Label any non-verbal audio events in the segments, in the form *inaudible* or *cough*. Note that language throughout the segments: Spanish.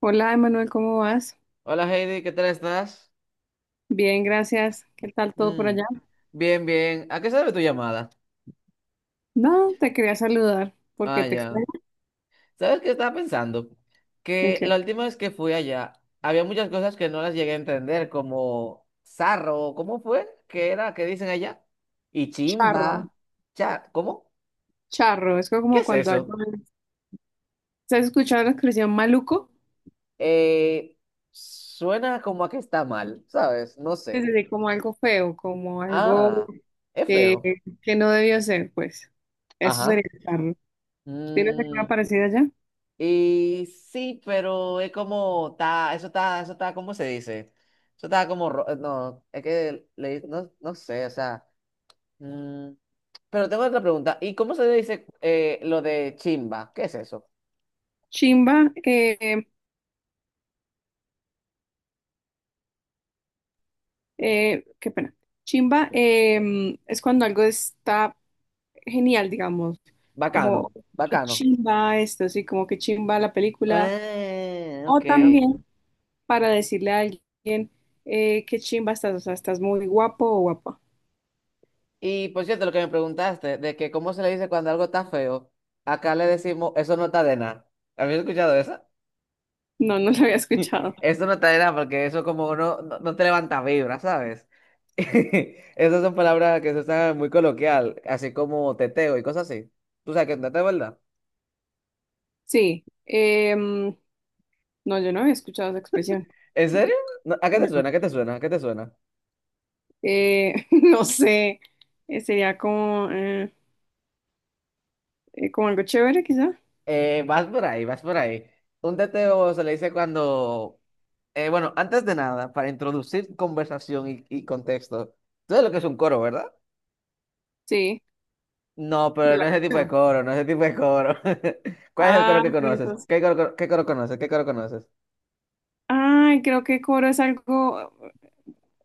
Hola, Emanuel, ¿cómo vas? Hola Heidi, ¿qué tal estás? Bien, gracias. ¿Qué tal todo por Mm, allá? Bien, bien. ¿A qué sabe tu llamada? No, te quería saludar porque Ah, te extraño. ya. ¿Sabes qué estaba pensando? Que Ok. la última vez que fui allá, había muchas cosas que no las llegué a entender, como zarro, ¿cómo fue? ¿Qué era? ¿Qué dicen allá? Y Charro, chimba. ¿Cómo? charro. Es ¿Qué como es cuando algo... eso? ¿Estás escuchando la expresión maluco? Eh, Suena como a que está mal, ¿sabes? No Es sé. decir, como algo feo, como algo Ah, es eh, feo. que no debió ser, pues. Eso Ajá. sería charro. ¿Tienes Mm, alguna parecida allá? Y sí, pero es como, está, eso está, ¿cómo se dice? Eso está como, no, es que le, no, no sé, o sea, mm, pero tengo otra pregunta. ¿Y cómo se dice lo de chimba? ¿Qué es eso? Chimba, eh, Qué pena. Chimba Sí. Es cuando algo está genial, digamos, Bacano, como que bacano. chimba esto, sí, como que chimba la película, Ah, o ok. también para decirle a alguien que chimba estás, o sea, estás muy guapo o guapa. Y por cierto, lo que me preguntaste, de que cómo se le dice cuando algo está feo, acá le decimos, eso no está de nada. ¿Habías escuchado eso? No, no lo había escuchado. *laughs* Eso no está nada porque eso como no te levanta vibra, ¿sabes? *laughs* Esas son palabras que se usan muy coloquial, así como teteo y cosas así. ¿Tú sabes qué es un teteo, verdad? Sí, no, yo no había escuchado esa expresión. ¿En Yo serio? creo No, ¿a qué que te no. suena? ¿A qué te suena? ¿A qué te suena? *laughs* No sé, sería como, como algo chévere, quizá. Vas por ahí, vas por ahí. Un teteo se le dice cuando... bueno, antes de nada, para introducir conversación y contexto, tú sabes lo que es un coro, ¿verdad? Sí, No, de pero no la es ese tipo de canción. coro, no es ese tipo de coro. *laughs* ¿Cuál es el coro Ah, que conoces? entonces. Qué coro conoces? ¿Qué coro conoces? Ay, creo que coro es algo.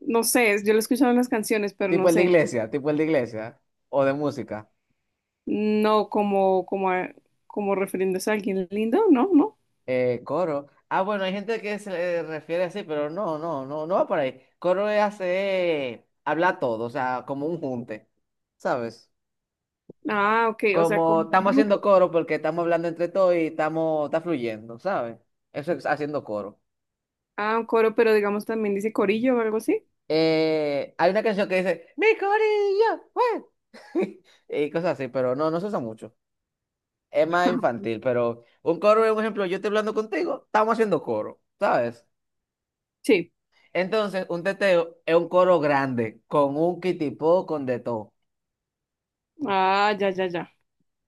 No sé, yo lo he escuchado en las canciones, pero no Tipo el de sé, iglesia, tipo el de iglesia. O de música. no como, como refiriéndose a alguien lindo, ¿no? ¿No? Coro. Ah, bueno, hay gente que se le refiere así, pero no va por ahí. Coro es hacer, habla todo, o sea, como un junte, ¿sabes? Ah, ok, o Como sea, como un estamos haciendo grupo. coro porque estamos hablando entre todos y está fluyendo, ¿sabes? Eso es haciendo coro. Ah, un coro, pero digamos también dice corillo o algo así. Hay una canción que dice, mi corillo, güey", *laughs* y cosas así, pero no se usa mucho. Es más infantil, pero un coro por ejemplo, yo estoy hablando contigo, estamos haciendo coro, ¿sabes? Sí. Entonces, un teteo es un coro grande, con un kitipó, con de todo. Ah, ya, ya, ya,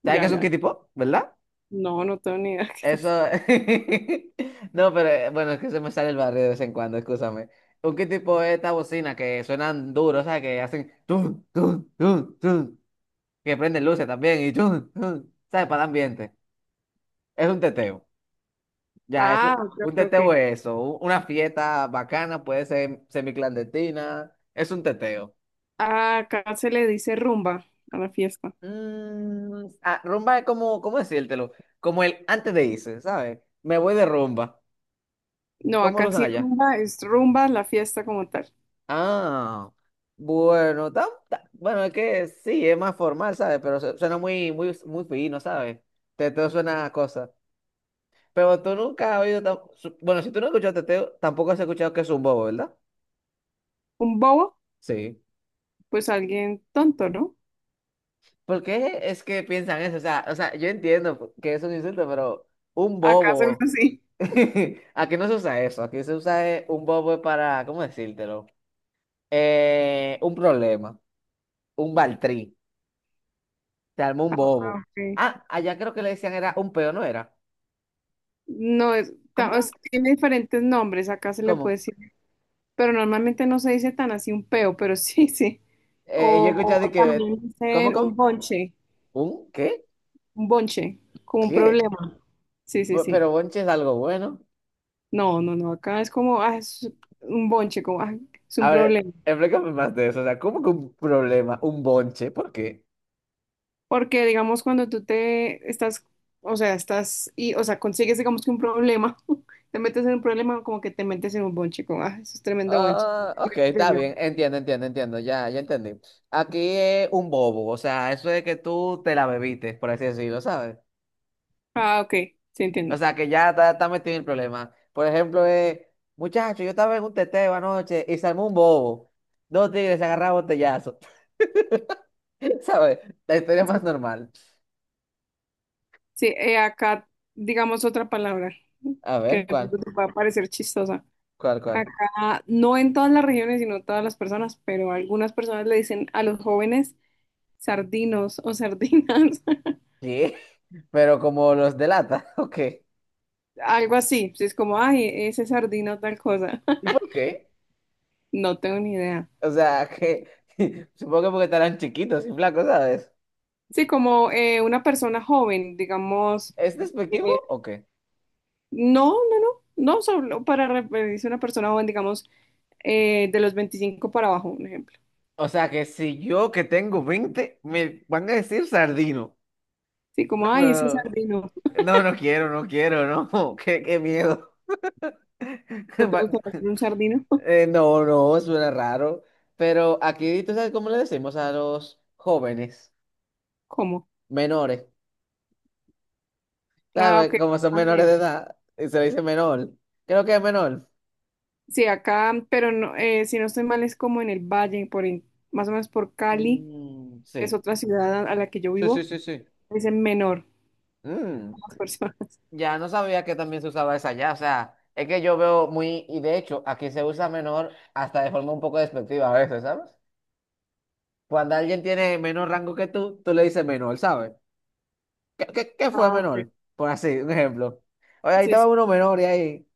¿Sabes qué ya, es un ya. kitipó? ¿Verdad? No, no tengo ni idea *laughs* qué es eso. Eso... *laughs* No, pero bueno, es que se me sale el barrio de vez en cuando, escúchame. Un kitipó es esta bocina que suenan duro, o sea, que hacen... tun, tun, tun, tun, que prenden luces también y... tun, tun, ¿sabes? Para el ambiente. Es un teteo. Ya, Ah, eso, ok, un ok, teteo ok. es eso, una fiesta bacana, puede ser semiclandestina, es un teteo. Ah, acá se le dice rumba a la fiesta. Ah, rumba es como, ¿cómo decírtelo? Como el antes de irse, ¿sabes? Me voy de rumba. No, ¿Cómo lo acá usan sí allá? rumba es rumba la fiesta como tal. Ah, bueno, bueno, es que sí, es más formal, ¿sabes? Pero suena muy, muy, muy fino, ¿sabes? Teteo suena a cosas. Pero tú nunca has oído, bueno, si tú no has escuchado teteo, tampoco has escuchado que es un bobo, ¿verdad? Un bobo, Sí. pues alguien tonto, ¿no? ¿Por qué es que piensan eso? O sea, yo entiendo que eso es un insulto, pero un Acá se usa bobo. así. *laughs* Aquí no se usa eso. Aquí se usa un bobo es para, ¿cómo decírtelo? Un problema. Un baltrí. Se armó un Ah, bobo. ok. Ah, allá creo que le decían era un peo, ¿no era? No, ¿Cómo era? Tiene diferentes nombres, acá se le puede ¿Cómo? decir, pero normalmente no se dice tan así un peo, pero *laughs* sí, sí. Yo he escuchado de O que. también ¿Cómo, dicen cómo? ¿Un qué? un bonche, como un ¿Qué? problema. Sí, sí, sí. Pero bonche es algo bueno. No, no, no, acá es como, ah, es un bonche, como, ah, es un A ver, problema. explícame más de eso. O sea, ¿cómo que un problema? Un bonche. ¿Por qué? Porque, digamos, cuando tú te estás, o sea, estás, y, o sea, consigues, digamos que un problema, *laughs* te metes en un problema, como que te metes en un bonche, como, ah, eso es tremendo bonche. Ah, ok, *laughs* está Problema. bien, entiendo, entiendo, entiendo, ya, ya entendí. Aquí es un bobo, o sea, eso es que tú te la bebiste, por así decirlo, ¿sabes? Ah, ok, sí O entiendo. sea, que ya está, metido en el problema. Por ejemplo, muchacho, yo estaba en un teteo anoche y se armó un bobo. Dos tigres se agarraron a botellazo, *laughs* ¿sabes? La historia más normal. Sí, acá digamos otra palabra A que ver, de ¿cuál? pronto te pueda parecer chistosa. ¿Cuál, cuál? Acá, no en todas las regiones, sino todas las personas, pero algunas personas le dicen a los jóvenes sardinos o sardinas, *laughs* ¿Qué? *laughs* Pero como los delata, *laughs* ok. algo así. Sí, es como, ay, ese sardino tal cosa. ¿Y *laughs* por qué? No tengo ni idea. O sea, que *laughs* supongo que porque estarán chiquitos y flacos, ¿sabes? Sí, como una persona joven, digamos, ¿Es despectivo eh, o qué? no, no, no, no solo para referirse a una persona joven, digamos, de los 25 para abajo, un ejemplo. O sea, que si yo que tengo 20 me van a decir sardino. Sí, como, No, ay, ese pero... sardino. No, no quiero, no quiero, no. *laughs* Qué miedo. *laughs* ¿No te Va- gusta hacer un sardino? *laughs* No, no, suena raro. Pero aquí, ¿tú sabes cómo le decimos a los jóvenes? ¿Cómo? Menores. Ah, ¿Sabes? ok. Como son menores También. de edad, y se le dice menor. Creo que es menor. Sí, acá, pero no, si no estoy mal, es como en el valle, más o menos por Cali, Mm, que es sí. otra ciudad a la que yo Sí, sí, vivo, sí, sí. es en menor Mm. a las personas. *laughs* Ya no sabía que también se usaba esa ya, o sea, es que yo veo muy, y de hecho, aquí se usa menor hasta de forma un poco despectiva a veces, ¿sabes? Cuando alguien tiene menor rango que tú le dices menor, ¿sabes? ¿Qué fue Ah, ok. menor? Por así, un ejemplo. Oye, ahí Sí, sí. estaba uno menor y ahí,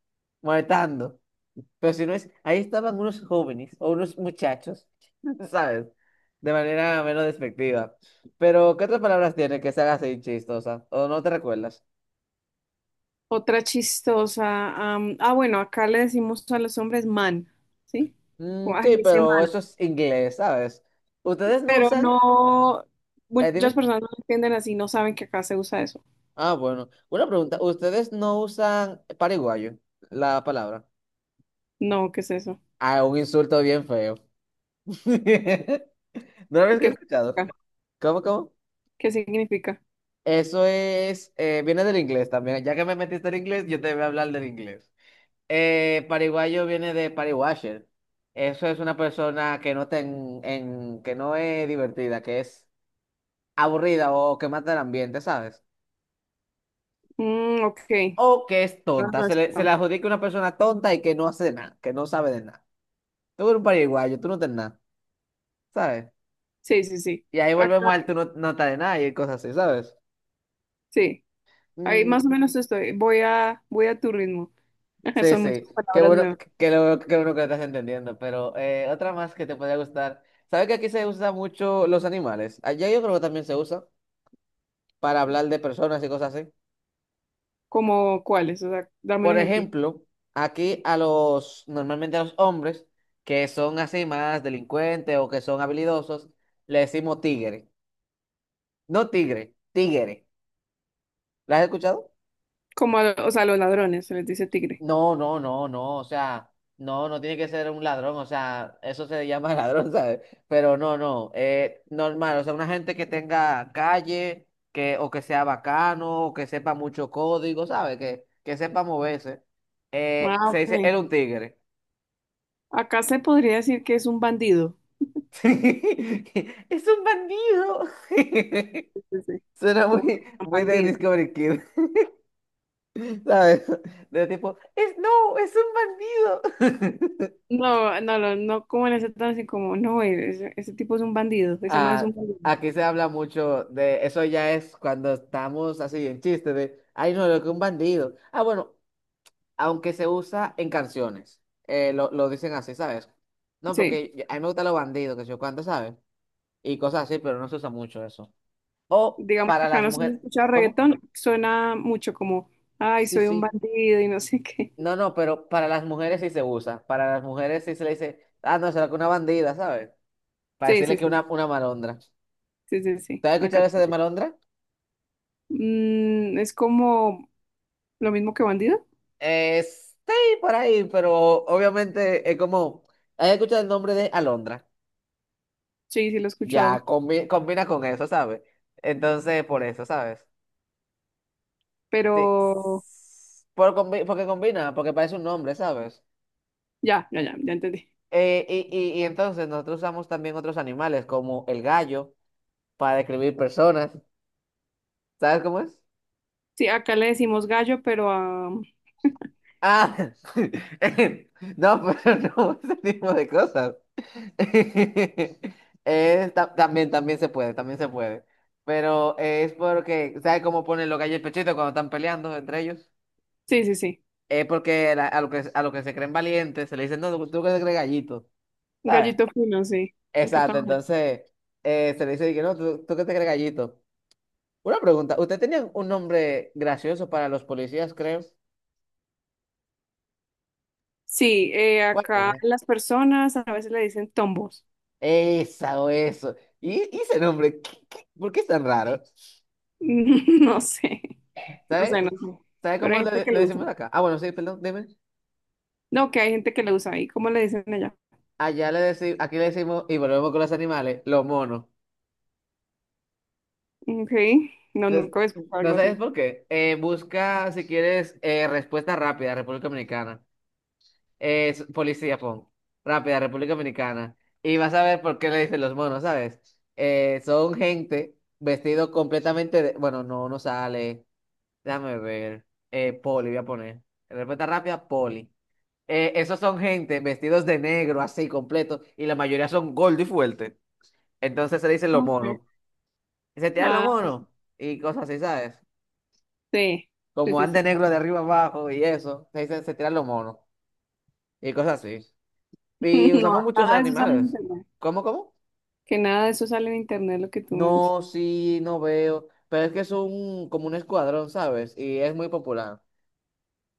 molestando. Pero si no es, ahí estaban unos jóvenes o unos muchachos, *laughs* ¿sabes? De manera menos despectiva. Pero, ¿qué otras palabras tiene que se haga así chistosa? ¿O no te recuerdas? Otra chistosa. Bueno, acá le decimos a los hombres man, ¿sí? Mm, Como, sí, ay, ese pero man. eso es inglés, ¿sabes? ¿Ustedes no Pero usan? no, muchas Dime. personas no lo entienden así, no saben que acá se usa eso. Ah, bueno. Una pregunta. ¿Ustedes no usan paraguayo, la palabra? No, ¿qué es eso? Ah, un insulto bien feo. *laughs* ¿No lo habéis ¿Qué escuchado? significa? ¿Cómo, cómo? ¿Qué significa? Eso es, viene del inglés también. Ya que me metiste en inglés, yo te voy a hablar del inglés. Pariguayo viene de party-washer. Eso es una persona que que no es divertida, que es aburrida o que mata el ambiente, ¿sabes? Mm, ok. O que es tonta. Ajá, Se es le, se acá. le adjudica a una persona tonta y que no hace nada, que no sabe de nada. Tú eres un pariguayo, tú no tienes nada, ¿sabes? Sí, sí, sí. Y ahí Acá, volvemos al tú no estás de nada y cosas así, ¿sabes? sí. Ahí Mm, más o menos estoy. Voy a tu ritmo. *laughs* sí, Son sí. muchas Qué palabras bueno, nuevas. Que lo estás entendiendo. Pero otra más que te podría gustar. ¿Sabes que aquí se usa mucho los animales? Allá yo creo que también se usa para hablar de personas y cosas así. ¿Como cuáles? O sea, dame un Por ejemplo. ejemplo, aquí normalmente a los hombres que son así más delincuentes o que son habilidosos, le decimos tigre. No tigre, tigre. ¿La has escuchado? Como, a- o sea, a los ladrones, se les dice tigre. No, no, no, no. O sea, no tiene que ser un ladrón. O sea, eso se llama *laughs* ladrón, ¿sabes? Pero no, no. Normal. O sea, una gente que tenga calle, o que sea bacano, o que sepa mucho código, ¿sabes? Que sepa moverse. Ah, Se dice, ok. era un tigre. Acá se podría decir que es un bandido. *laughs* Es un bandido. *laughs* Sí, sí, sí. Suena Como muy, un muy de bandido. Discovery Kid. *laughs* ¿Sabes? De tipo, es no, es un bandido. *laughs* No, no, no, no como en ese tono así como, no, ese tipo es un bandido, ese man es un Ah, bandido. aquí se habla mucho de eso ya es cuando estamos así en chiste de, ay no, lo que un bandido. Ah, bueno, aunque se usa en canciones, lo dicen así, ¿sabes? No, Sí, porque a mí me gustan los bandidos, que yo cuánto, ¿sabes? Y cosas así, pero no se usa mucho eso. O digamos que para acá las no se mujeres, escucha ¿cómo? reggaetón, suena mucho como, ay, Sí, soy un sí. bandido y no sé qué. No, no, pero para las mujeres sí se usa. Para las mujeres sí se le dice, ah, no, será que una bandida, ¿sabes? Para Sí, decirle sí, que una, sí, una malondra. sí, ¿Te has escuchado acá ese de también. malondra? Mm, es como lo mismo que bandido. Sí, por ahí, pero obviamente es como, he escuchado el nombre de Alondra, Sí, sí, lo he ya escuchado, combina con eso, ¿sabes? Entonces, por eso, ¿sabes? Sí. pero Porque combina, porque parece un nombre, ¿sabes? ya entendí. Y entonces nosotros usamos también otros animales, como el gallo, para describir personas, ¿sabes cómo es? Sí, acá le decimos gallo, pero a... Ah, *laughs* no, pero no, *laughs* ese tipo de cosas. *laughs* También se puede, también se puede. Pero es porque, ¿sabes cómo ponen los gallos el pechito cuando están peleando entre ellos? Sí, sí, sí, Es porque a lo que se creen valientes se le dicen, no, tú que te crees gallito, ¿sabes? gallito fino, sí, acá Exacto, también. entonces se le dice, que no, tú que te crees gallito. Una pregunta, ¿usted tenía un nombre gracioso para los policías, creo? Sí, ¿Cuál acá era? las personas a veces le dicen tombos. Esa o eso. ¿Y ese nombre? ¿Por qué es tan raro? *laughs* No sé, *laughs* no ¿Sabes? sé, no sé, ¿Sabes pero cómo hay gente le, que le lo usa. decimos acá? Ah, bueno, sí, perdón, dime. No, que hay gente que lo usa ahí, ¿cómo le dicen allá? Allá le decimos, aquí le decimos, y volvemos con los animales, los monos. Ok, no, Entonces, nunca he escuchado no algo sabes así. por qué. Busca, si quieres, respuesta rápida, República Dominicana. Policía, pon. Rápida, República Dominicana. Y vas a ver por qué le dicen los monos, ¿sabes? Son gente vestido completamente de... Bueno, no sale. Déjame ver. Poli, voy a poner. Respuesta rápida, poli. Esos son gente vestidos de negro, así, completo, y la mayoría son gordo y fuerte. Entonces se le dicen los Ok. monos. Se tiran los Ah, monos y cosas así, ¿sabes? sí, Como sí, sí, sí. ande negro de arriba abajo y eso, se dice, se tiran los monos y cosas así. Y *laughs* No, usamos muchos nada de eso sale en animales. internet. ¿Cómo, cómo? Que nada de eso sale en internet, lo que tú me dices. No, sí, no veo. Pero es que es como un escuadrón, ¿sabes? Y es muy popular.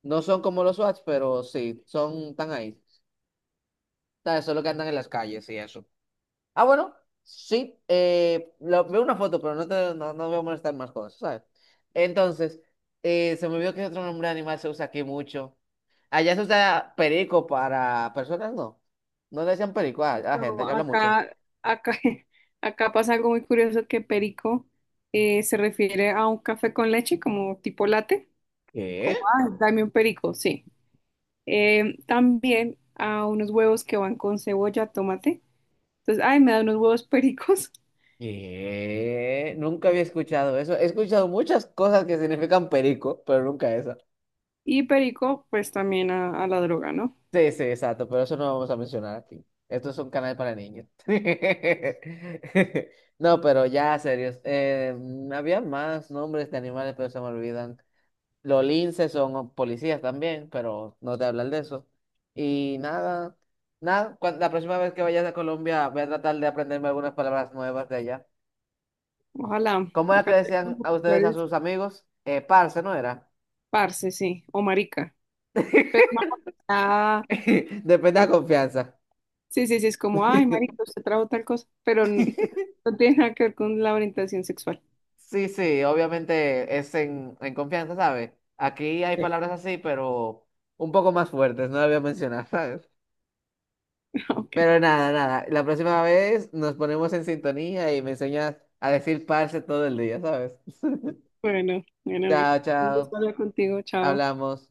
No son como los SWAT, pero sí, son tan ahí. ¿Sabes? Solo que andan en las calles y eso. Ah, bueno, sí, veo una foto, pero no te, no, no voy a molestar más cosas, ¿sabes? Entonces, se me olvidó que otro nombre de animal se usa aquí mucho. Allá se usa perico para personas, no. No le decían perico a la gente que No, habla mucho. acá, acá, *laughs* acá pasa algo muy curioso que perico se refiere a un café con leche, como tipo latte, como, ¿Qué? ah, dame un perico, sí. También a unos huevos que van con cebolla, tomate. Entonces, ay, me da unos huevos pericos. *laughs* ¿Qué? Nunca había escuchado eso. He escuchado muchas cosas que significan perico, pero nunca esa. Y perico, pues también a la droga, ¿no? Sí, sí, exacto, pero eso no lo vamos a mencionar aquí. Esto es un canal para niños. *laughs* No, pero ya, serios. Había más nombres de animales, pero se me olvidan. Los linces son policías también, pero no te hablan de eso. Y nada, nada, la próxima vez que vayas a Colombia voy a tratar de aprenderme algunas palabras nuevas de allá. Ojalá, ¿Cómo era que acá tengo decían los a ustedes a sus amigos? Parce, ¿no era? parce, sí, o marica. Pero no, ah, *laughs* Depende de la confianza. sí, sí, sí, es como, ay, marica, *laughs* usted trajo tal cosa, pero n- *laughs* no tiene nada que ver con la orientación sexual. *laughs* Sí, sí, obviamente es en confianza, ¿sabes? Aquí hay Sí. palabras así, pero un poco más fuertes, no las voy a mencionar, ¿sabes? Ok, Pero nada, nada. La próxima vez nos ponemos en sintonía y me enseñas a decir parce todo el día, ¿sabes? *laughs* bueno, bueno, Chao, un gusto chao. hablar contigo, chao. Hablamos.